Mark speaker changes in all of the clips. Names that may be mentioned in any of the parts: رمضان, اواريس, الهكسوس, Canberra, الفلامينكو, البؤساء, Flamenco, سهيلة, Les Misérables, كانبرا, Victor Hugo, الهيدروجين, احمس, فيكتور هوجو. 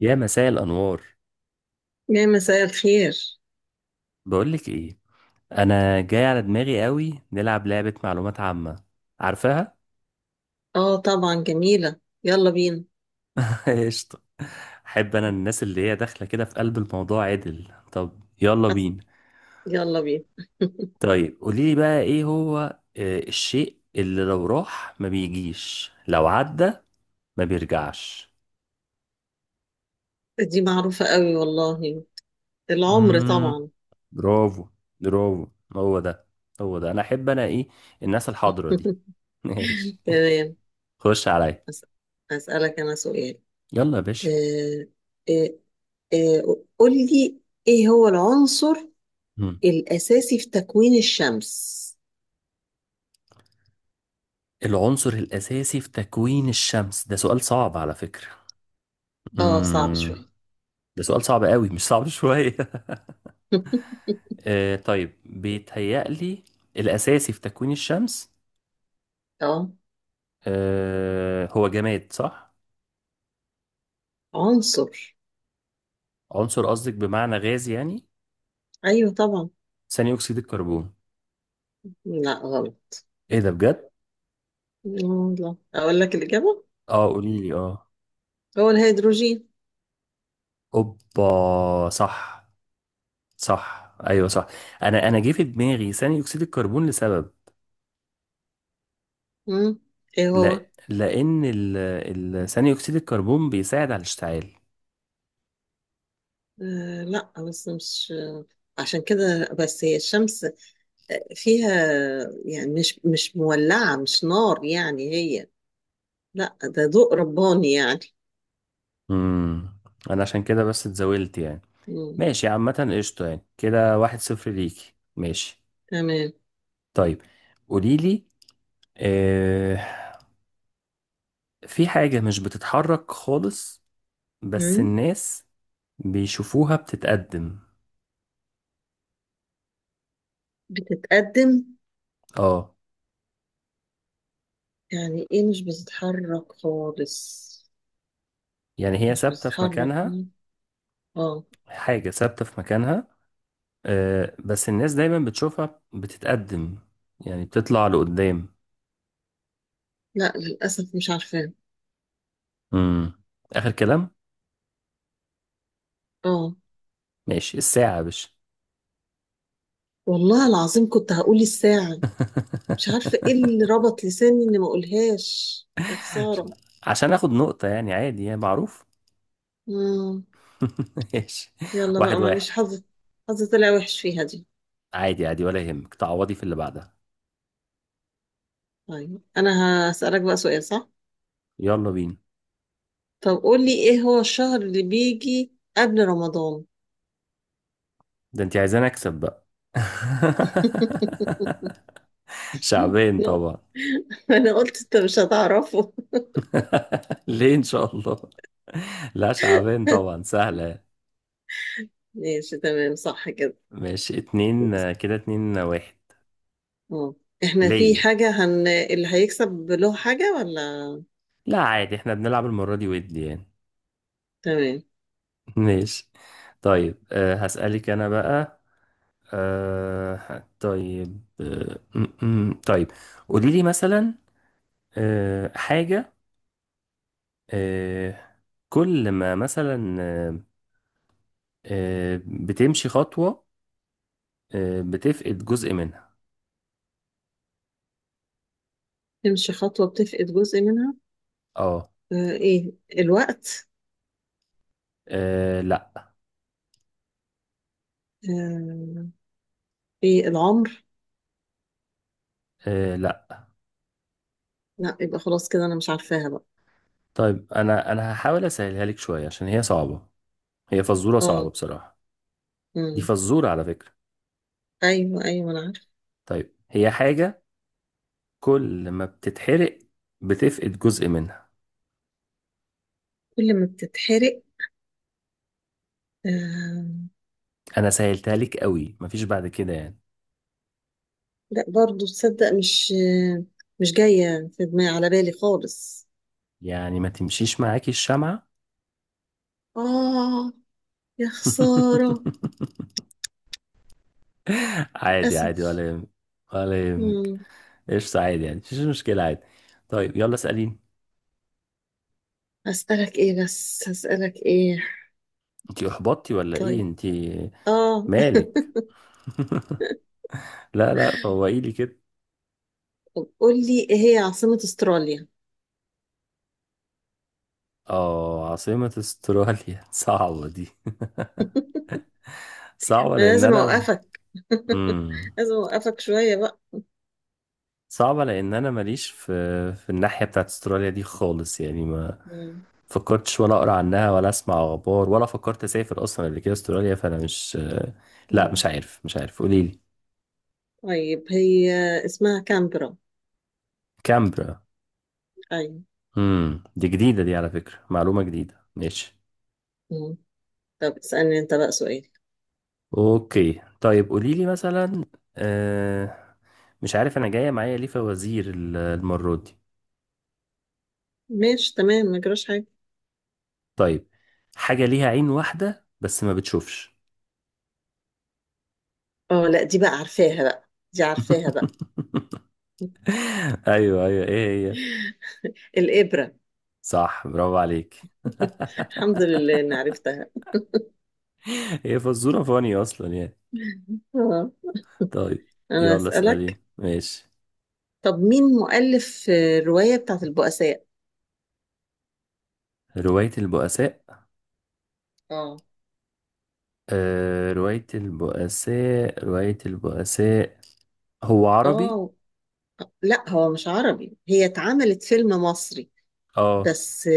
Speaker 1: يا مساء الأنوار.
Speaker 2: يا مساء الخير.
Speaker 1: بقولك إيه، أنا جاي على دماغي قوي نلعب لعبة معلومات عامة. عارفاها؟
Speaker 2: اه طبعا جميلة، يلا بينا.
Speaker 1: قشطة. أحب أنا الناس اللي هي داخلة كده في قلب الموضوع عدل. طب يلا
Speaker 2: بس
Speaker 1: بينا.
Speaker 2: يلا بينا.
Speaker 1: طيب قوليلي بقى إيه هو، الشيء اللي لو راح ما بيجيش لو عدى ما بيرجعش.
Speaker 2: دي معروفة قوي والله، العمر
Speaker 1: مم.
Speaker 2: طبعا.
Speaker 1: برافو، برافو، هو ده، هو ده. أنا أحب أنا إيه، الناس الحاضرة دي. ماشي.
Speaker 2: تمام.
Speaker 1: خش عليا.
Speaker 2: أس- أسألك أنا سؤال.
Speaker 1: يلا يا باشا.
Speaker 2: آه آه آه قول لي، ايه هو العنصر الأساسي في تكوين الشمس؟
Speaker 1: العنصر الأساسي في تكوين الشمس ده سؤال صعب على فكرة.
Speaker 2: اه صعب
Speaker 1: امم
Speaker 2: شوية.
Speaker 1: ده سؤال صعب قوي، مش صعب شوية. طيب، بيتهيألي الأساسي في تكوين الشمس.
Speaker 2: اه
Speaker 1: هو جماد، صح؟
Speaker 2: عنصر،
Speaker 1: عنصر، قصدك بمعنى غاز يعني.
Speaker 2: ايوه طبعا.
Speaker 1: ثاني أكسيد الكربون.
Speaker 2: لا غلط.
Speaker 1: إيه ده بجد؟
Speaker 2: والله اقول لك الإجابة،
Speaker 1: اه، قولي لي اه.
Speaker 2: هو الهيدروجين.
Speaker 1: أوبا صح. صح أيوه صح. أنا جه في دماغي ثاني أكسيد الكربون لسبب.
Speaker 2: مم. ايه هو؟
Speaker 1: لا، لأن ثاني أكسيد الكربون بيساعد على الاشتعال.
Speaker 2: آه لا بس مش عشان كده بس، هي الشمس آه، فيها يعني مش مولعة، مش نار يعني هي، لا ده ضوء رباني يعني.
Speaker 1: امم انا عشان كده بس اتزاولت يعني.
Speaker 2: مم.
Speaker 1: ماشي عامة قشطة يعني. كده 1-0 ليكي. ماشي.
Speaker 2: تمام.
Speaker 1: طيب قوليلي، آه في حاجة مش بتتحرك خالص، بس
Speaker 2: مم.
Speaker 1: الناس بيشوفوها بتتقدم.
Speaker 2: بتتقدم.
Speaker 1: اه.
Speaker 2: يعني ايه مش بتتحرك خالص؟
Speaker 1: يعني هي
Speaker 2: مش
Speaker 1: ثابتة في
Speaker 2: بتتحرك.
Speaker 1: مكانها.
Speaker 2: مم. اه.
Speaker 1: حاجة ثابتة في مكانها، بس الناس دايما بتشوفها بتتقدم، يعني بتطلع لقدام.
Speaker 2: لا للأسف مش عارفة.
Speaker 1: امم آخر كلام.
Speaker 2: اه
Speaker 1: ماشي الساعة يا باشا.
Speaker 2: والله العظيم كنت هقول الساعة، مش عارفة ايه اللي ربط لساني اني ما اقولهاش، يا
Speaker 1: عشان
Speaker 2: خسارة.
Speaker 1: عشان اخد نقطة يعني، عادي، يعني معروف.
Speaker 2: مم.
Speaker 1: ماشي.
Speaker 2: يلا
Speaker 1: واحد
Speaker 2: بقى
Speaker 1: واحد
Speaker 2: معلش، حظ. حظ طلع وحش فيها دي.
Speaker 1: عادي عادي ولا يهمك، تعوضي في اللي بعدها.
Speaker 2: طيب انا هسألك بقى سؤال صح؟
Speaker 1: يلا بينا.
Speaker 2: طب قول لي، ايه هو الشهر اللي بيجي قبل رمضان؟
Speaker 1: ده انت عايزاني اكسب بقى؟ شعبين
Speaker 2: لا
Speaker 1: طبعا.
Speaker 2: انا قلت انت مش هتعرفه.
Speaker 1: ليه ان شاء الله؟ لا، شعبين طبعا، سهلة.
Speaker 2: ماشي تمام، صح كده.
Speaker 1: ماشي اتنين، كده اتنين، واحد.
Speaker 2: اه، احنا في
Speaker 1: ليا.
Speaker 2: حاجة اللي هيكسب له حاجة ولا؟
Speaker 1: لا عادي، احنا بنلعب المرة دي ودي يعني.
Speaker 2: تمام.
Speaker 1: ماشي. طيب هسألك انا بقى. طيب، طيب، قولي لي مثلا، حاجة، آه كل ما مثلا، بتمشي خطوة بتفقد جزء منها.
Speaker 2: تمشي خطوة بتفقد جزء منها؟
Speaker 1: اه.
Speaker 2: آه ايه، الوقت؟
Speaker 1: لا.
Speaker 2: آه ايه، العمر؟
Speaker 1: لا.
Speaker 2: لا يبقى خلاص كده، انا مش عارفاها بقى.
Speaker 1: طيب انا هحاول اسهلها لك شوية عشان هي صعبة. هي فزورة صعبة
Speaker 2: اه.
Speaker 1: بصراحة. دي
Speaker 2: مم.
Speaker 1: فزورة على فكرة.
Speaker 2: ايوه ايوه ما انا عارفه.
Speaker 1: طيب، هي حاجة كل ما بتتحرق بتفقد جزء منها.
Speaker 2: كل ما بتتحرق؟ آه
Speaker 1: انا سهلتها لك قوي، مفيش بعد كده يعني.
Speaker 2: لا، برضو تصدق مش آه، مش جايه في دماغي على بالي خالص.
Speaker 1: يعني ما تمشيش معاكي الشمعة.
Speaker 2: اه، يا خساره.
Speaker 1: عادي عادي ولا
Speaker 2: للاسف.
Speaker 1: يهمك. ولا يهمك.
Speaker 2: مم.
Speaker 1: قشطة، عادي يعني، مفيش مشكلة، عادي. طيب يلا اسأليني.
Speaker 2: هسألك ايه؟ بس هسألك ايه؟
Speaker 1: انتي احبطتي ولا ايه
Speaker 2: طيب.
Speaker 1: انتي؟
Speaker 2: اه.
Speaker 1: مالك؟ لا لا، فوقيلي كده.
Speaker 2: طب قول لي، ايه هي عاصمة استراليا؟
Speaker 1: اه عاصمة استراليا؟ صعبة دي. صعبة
Speaker 2: ما
Speaker 1: لان
Speaker 2: لازم
Speaker 1: انا،
Speaker 2: اوقفك.
Speaker 1: امم
Speaker 2: لازم اوقفك شوية بقى.
Speaker 1: صعبة لان انا ماليش في الناحية بتاعت استراليا دي خالص. يعني ما
Speaker 2: مم.
Speaker 1: فكرتش ولا اقرا عنها ولا اسمع اخبار ولا فكرت اسافر اصلا قبل كده استراليا، فانا مش، لا
Speaker 2: مم.
Speaker 1: مش عارف. مش عارف، قولي لي.
Speaker 2: طيب هي اسمها كامبرا.
Speaker 1: كامبرا.
Speaker 2: ايوه.
Speaker 1: دي جديده دي على فكره، معلومه جديده، ماشي.
Speaker 2: مم. طب اسألني انت بقى سؤال.
Speaker 1: اوكي، طيب قولي لي مثلا، آه... مش عارف انا جايه معايا ليه فوازير المره دي.
Speaker 2: ماشي تمام، ما جراش حاجة.
Speaker 1: طيب، حاجه ليها عين واحده بس ما بتشوفش.
Speaker 2: اه لا، دي بقى عارفاها بقى، دي عارفاها بقى.
Speaker 1: ايوه ايوه، ايه هي؟
Speaker 2: الإبرة.
Speaker 1: صح، برافو عليك.
Speaker 2: الحمد لله إني عرفتها.
Speaker 1: هي فزوره فاني اصلا يعني.
Speaker 2: اه.
Speaker 1: طيب
Speaker 2: أنا
Speaker 1: يلا اسألين
Speaker 2: أسألك.
Speaker 1: ماشي.
Speaker 2: طب مين مؤلف الرواية بتاعت البؤساء؟
Speaker 1: رواية البؤساء.
Speaker 2: اه.
Speaker 1: رواية البؤساء، رواية البؤساء. هو عربي؟
Speaker 2: اه لا هو مش عربي، هي اتعملت فيلم مصري
Speaker 1: اه.
Speaker 2: بس،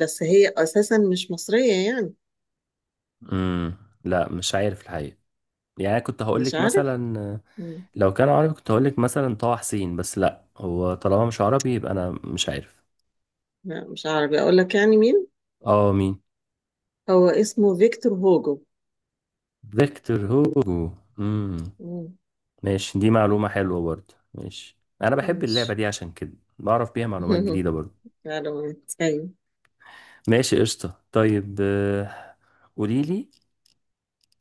Speaker 2: بس هي أساسا مش مصرية يعني.
Speaker 1: امم لا مش عارف الحقيقة. يعني أنا كنت
Speaker 2: مش
Speaker 1: هقولك
Speaker 2: عارف.
Speaker 1: مثلا،
Speaker 2: مم.
Speaker 1: لو كان عربي كنت هقولك مثلا طه حسين، بس لا هو طالما مش عربي يبقى أنا مش عارف.
Speaker 2: لا مش عربي، أقول لك يعني مين؟
Speaker 1: اه مين؟
Speaker 2: هو اسمه فيكتور هوجو.
Speaker 1: فيكتور هوجو. امم
Speaker 2: مم.
Speaker 1: ماشي. دي معلومة حلوة برضه. ماشي، أنا بحب اللعبة
Speaker 2: ماشي.
Speaker 1: دي عشان كده بعرف بيها معلومات جديدة برضه.
Speaker 2: معلومات، أيوه.
Speaker 1: ماشي قشطة. طيب قولي لي.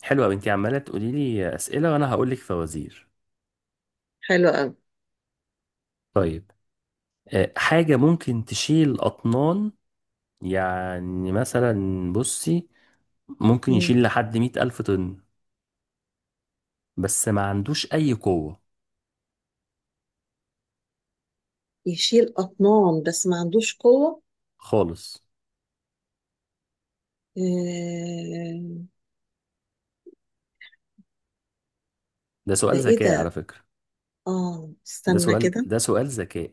Speaker 1: حلوة أوي، أنت عمالة تقولي لي أسئلة وأنا هقول لك فوازير.
Speaker 2: حلو
Speaker 1: طيب حاجة ممكن تشيل أطنان، يعني مثلا، بصي ممكن
Speaker 2: أوي.
Speaker 1: يشيل لحد 100,000 طن، بس ما عندوش أي قوة
Speaker 2: يشيل أطنان بس ما عندوش قوة؟
Speaker 1: خالص.
Speaker 2: آه،
Speaker 1: ده
Speaker 2: ده
Speaker 1: سؤال
Speaker 2: إيه
Speaker 1: ذكاء على
Speaker 2: ده؟
Speaker 1: فكرة.
Speaker 2: آه
Speaker 1: ده
Speaker 2: استنى
Speaker 1: سؤال
Speaker 2: كده.
Speaker 1: ده سؤال ذكاء.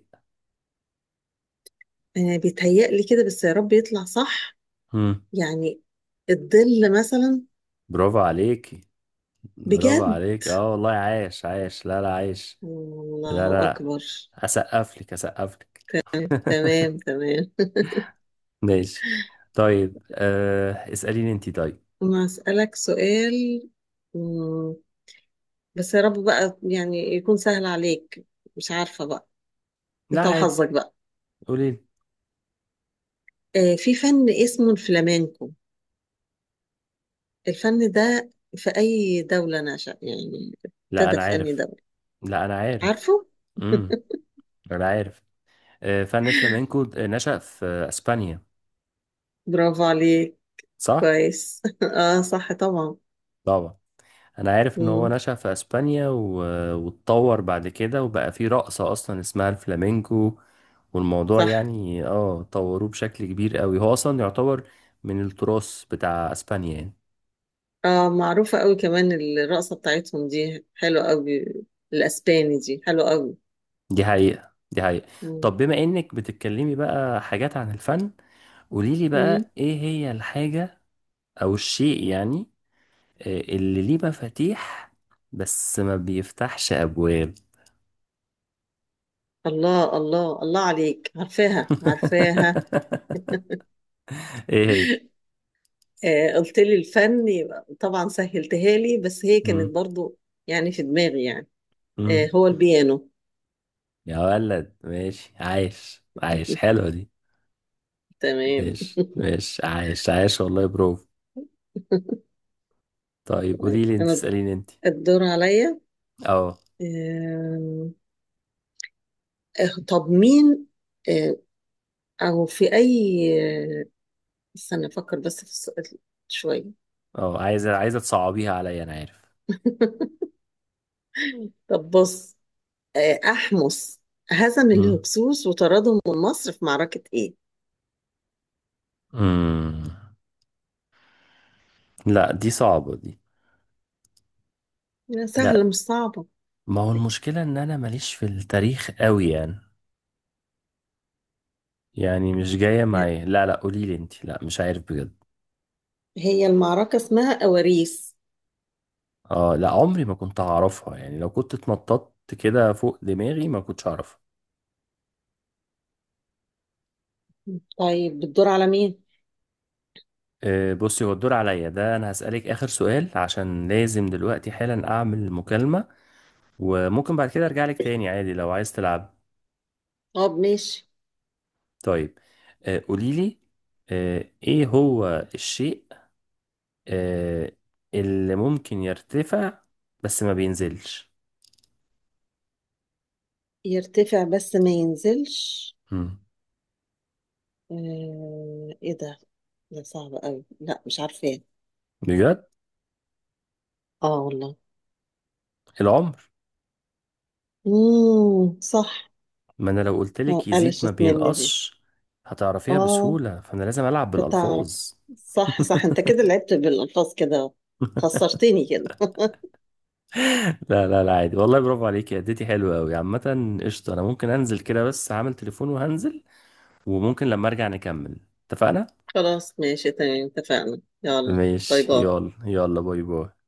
Speaker 2: آه، بيتهيألي كده بس يا رب يطلع صح.
Speaker 1: هم
Speaker 2: يعني الظل مثلا.
Speaker 1: برافو عليك. برافو
Speaker 2: بجد؟
Speaker 1: عليك، اه والله. عايش عايش. لا لا عايش. لا
Speaker 2: الله
Speaker 1: لا،
Speaker 2: أكبر.
Speaker 1: أسقف لك، أسقف لك.
Speaker 2: تمام تمام.
Speaker 1: ماشي. طيب اسأليني أنت. طيب
Speaker 2: أنا أسألك سؤال. مم، بس يا رب بقى يعني يكون سهل عليك. مش عارفة بقى.
Speaker 1: لا
Speaker 2: أنت
Speaker 1: عادي،
Speaker 2: وحظك بقى.
Speaker 1: قولي لي.
Speaker 2: آه، في فن اسمه الفلامينكو، الفن ده في أي دولة نشأ يعني؟
Speaker 1: لا انا
Speaker 2: ابتدى في أي
Speaker 1: عارف.
Speaker 2: دولة؟
Speaker 1: لا انا
Speaker 2: عارفه؟
Speaker 1: عارف. امم انا عارف. فن فلامينكو نشأ في اسبانيا.
Speaker 2: برافو عليك.
Speaker 1: صح
Speaker 2: كويس. اه صح طبعا.
Speaker 1: طبعا. انا عارف ان هو
Speaker 2: مم.
Speaker 1: نشأ في اسبانيا واتطور بعد كده وبقى في رقصة اصلا اسمها الفلامينكو. والموضوع
Speaker 2: صح.
Speaker 1: يعني، طوروه بشكل كبير قوي. هو اصلا يعتبر من التراث بتاع اسبانيا يعني.
Speaker 2: اه معروفة قوي كمان، الرقصة بتاعتهم دي حلوة قوي، الأسباني دي حلوة قوي.
Speaker 1: دي حقيقة، دي حقيقة.
Speaker 2: مم.
Speaker 1: طب بما انك بتتكلمي بقى حاجات عن الفن، قوليلي
Speaker 2: مم.
Speaker 1: بقى ايه هي الحاجة او الشيء يعني، اللي ليه مفاتيح بس ما بيفتحش ابواب.
Speaker 2: الله الله الله عليك، عارفاها عارفاها.
Speaker 1: ايه هي؟
Speaker 2: آه قلت لي الفن يبقى طبعا سهلتها لي، بس هي
Speaker 1: مم.
Speaker 2: كانت برضو يعني في دماغي يعني. آه
Speaker 1: مم.
Speaker 2: هو البيانو.
Speaker 1: يا ولد، ماشي عايش عايش. حلوة دي.
Speaker 2: تمام.
Speaker 1: ماشي ماشي، عايش عايش، والله برافو. طيب
Speaker 2: طيب
Speaker 1: قولي لي انت،
Speaker 2: انا،
Speaker 1: اسأليني انت.
Speaker 2: الدور عليا.
Speaker 1: اه
Speaker 2: آم، آه، طب مين، آه، او في اي، آه، استنى افكر بس في السؤال شويه.
Speaker 1: اه، عايزة عايزة تصعبيها عليا، انا عارف.
Speaker 2: طب بص، آه، احمس هزم
Speaker 1: مم.
Speaker 2: الهكسوس وطردهم من مصر في معركه ايه؟
Speaker 1: مم. لا، دي صعبة دي.
Speaker 2: لا، سهله
Speaker 1: لا.
Speaker 2: مش صعبه.
Speaker 1: ما هو المشكلة ان انا ماليش في التاريخ قوي يعني مش جاية
Speaker 2: لا،
Speaker 1: معايا. لا لا، قولي لي انت. لا مش عارف بجد.
Speaker 2: هي المعركه اسمها اواريس.
Speaker 1: اه لا، عمري ما كنت هعرفها، يعني لو كنت اتنططت كده فوق دماغي ما كنتش هعرفها.
Speaker 2: طيب بتدور على مين؟
Speaker 1: بصي، هو الدور عليا ده. انا هسألك آخر سؤال عشان لازم دلوقتي حالا اعمل مكالمة. وممكن بعد كده ارجع لك تاني عادي لو عايز تلعب.
Speaker 2: طب ماشي.
Speaker 1: طيب قولي لي، ايه هو الشيء، آه، اللي ممكن يرتفع بس ما بينزلش.
Speaker 2: يرتفع بس ما ينزلش؟
Speaker 1: مم.
Speaker 2: آه، ايه ده، ده صعب قوي، لا مش عارفه.
Speaker 1: بجد؟
Speaker 2: اه والله.
Speaker 1: العمر.
Speaker 2: صح.
Speaker 1: ما انا لو قلتلك
Speaker 2: آه،
Speaker 1: يزيد ما
Speaker 2: قلشت مني دي.
Speaker 1: بينقصش، هتعرفيها
Speaker 2: اه
Speaker 1: بسهولة، فانا لازم العب
Speaker 2: كنت
Speaker 1: بالالفاظ.
Speaker 2: اعرف. صح صح، انت كده لعبت بالالفاظ كده، خسرتني كده.
Speaker 1: لا لا لا، عادي والله. برافو عليكي، اديتي حلوة قوي. عامة قشطة، انا ممكن انزل كده بس هعمل تليفون وهنزل. وممكن لما ارجع نكمل، اتفقنا؟
Speaker 2: خلاص ماشي تمام، اتفقنا. يلا باي
Speaker 1: ماشي
Speaker 2: باي.
Speaker 1: يلا، يلا باي باي.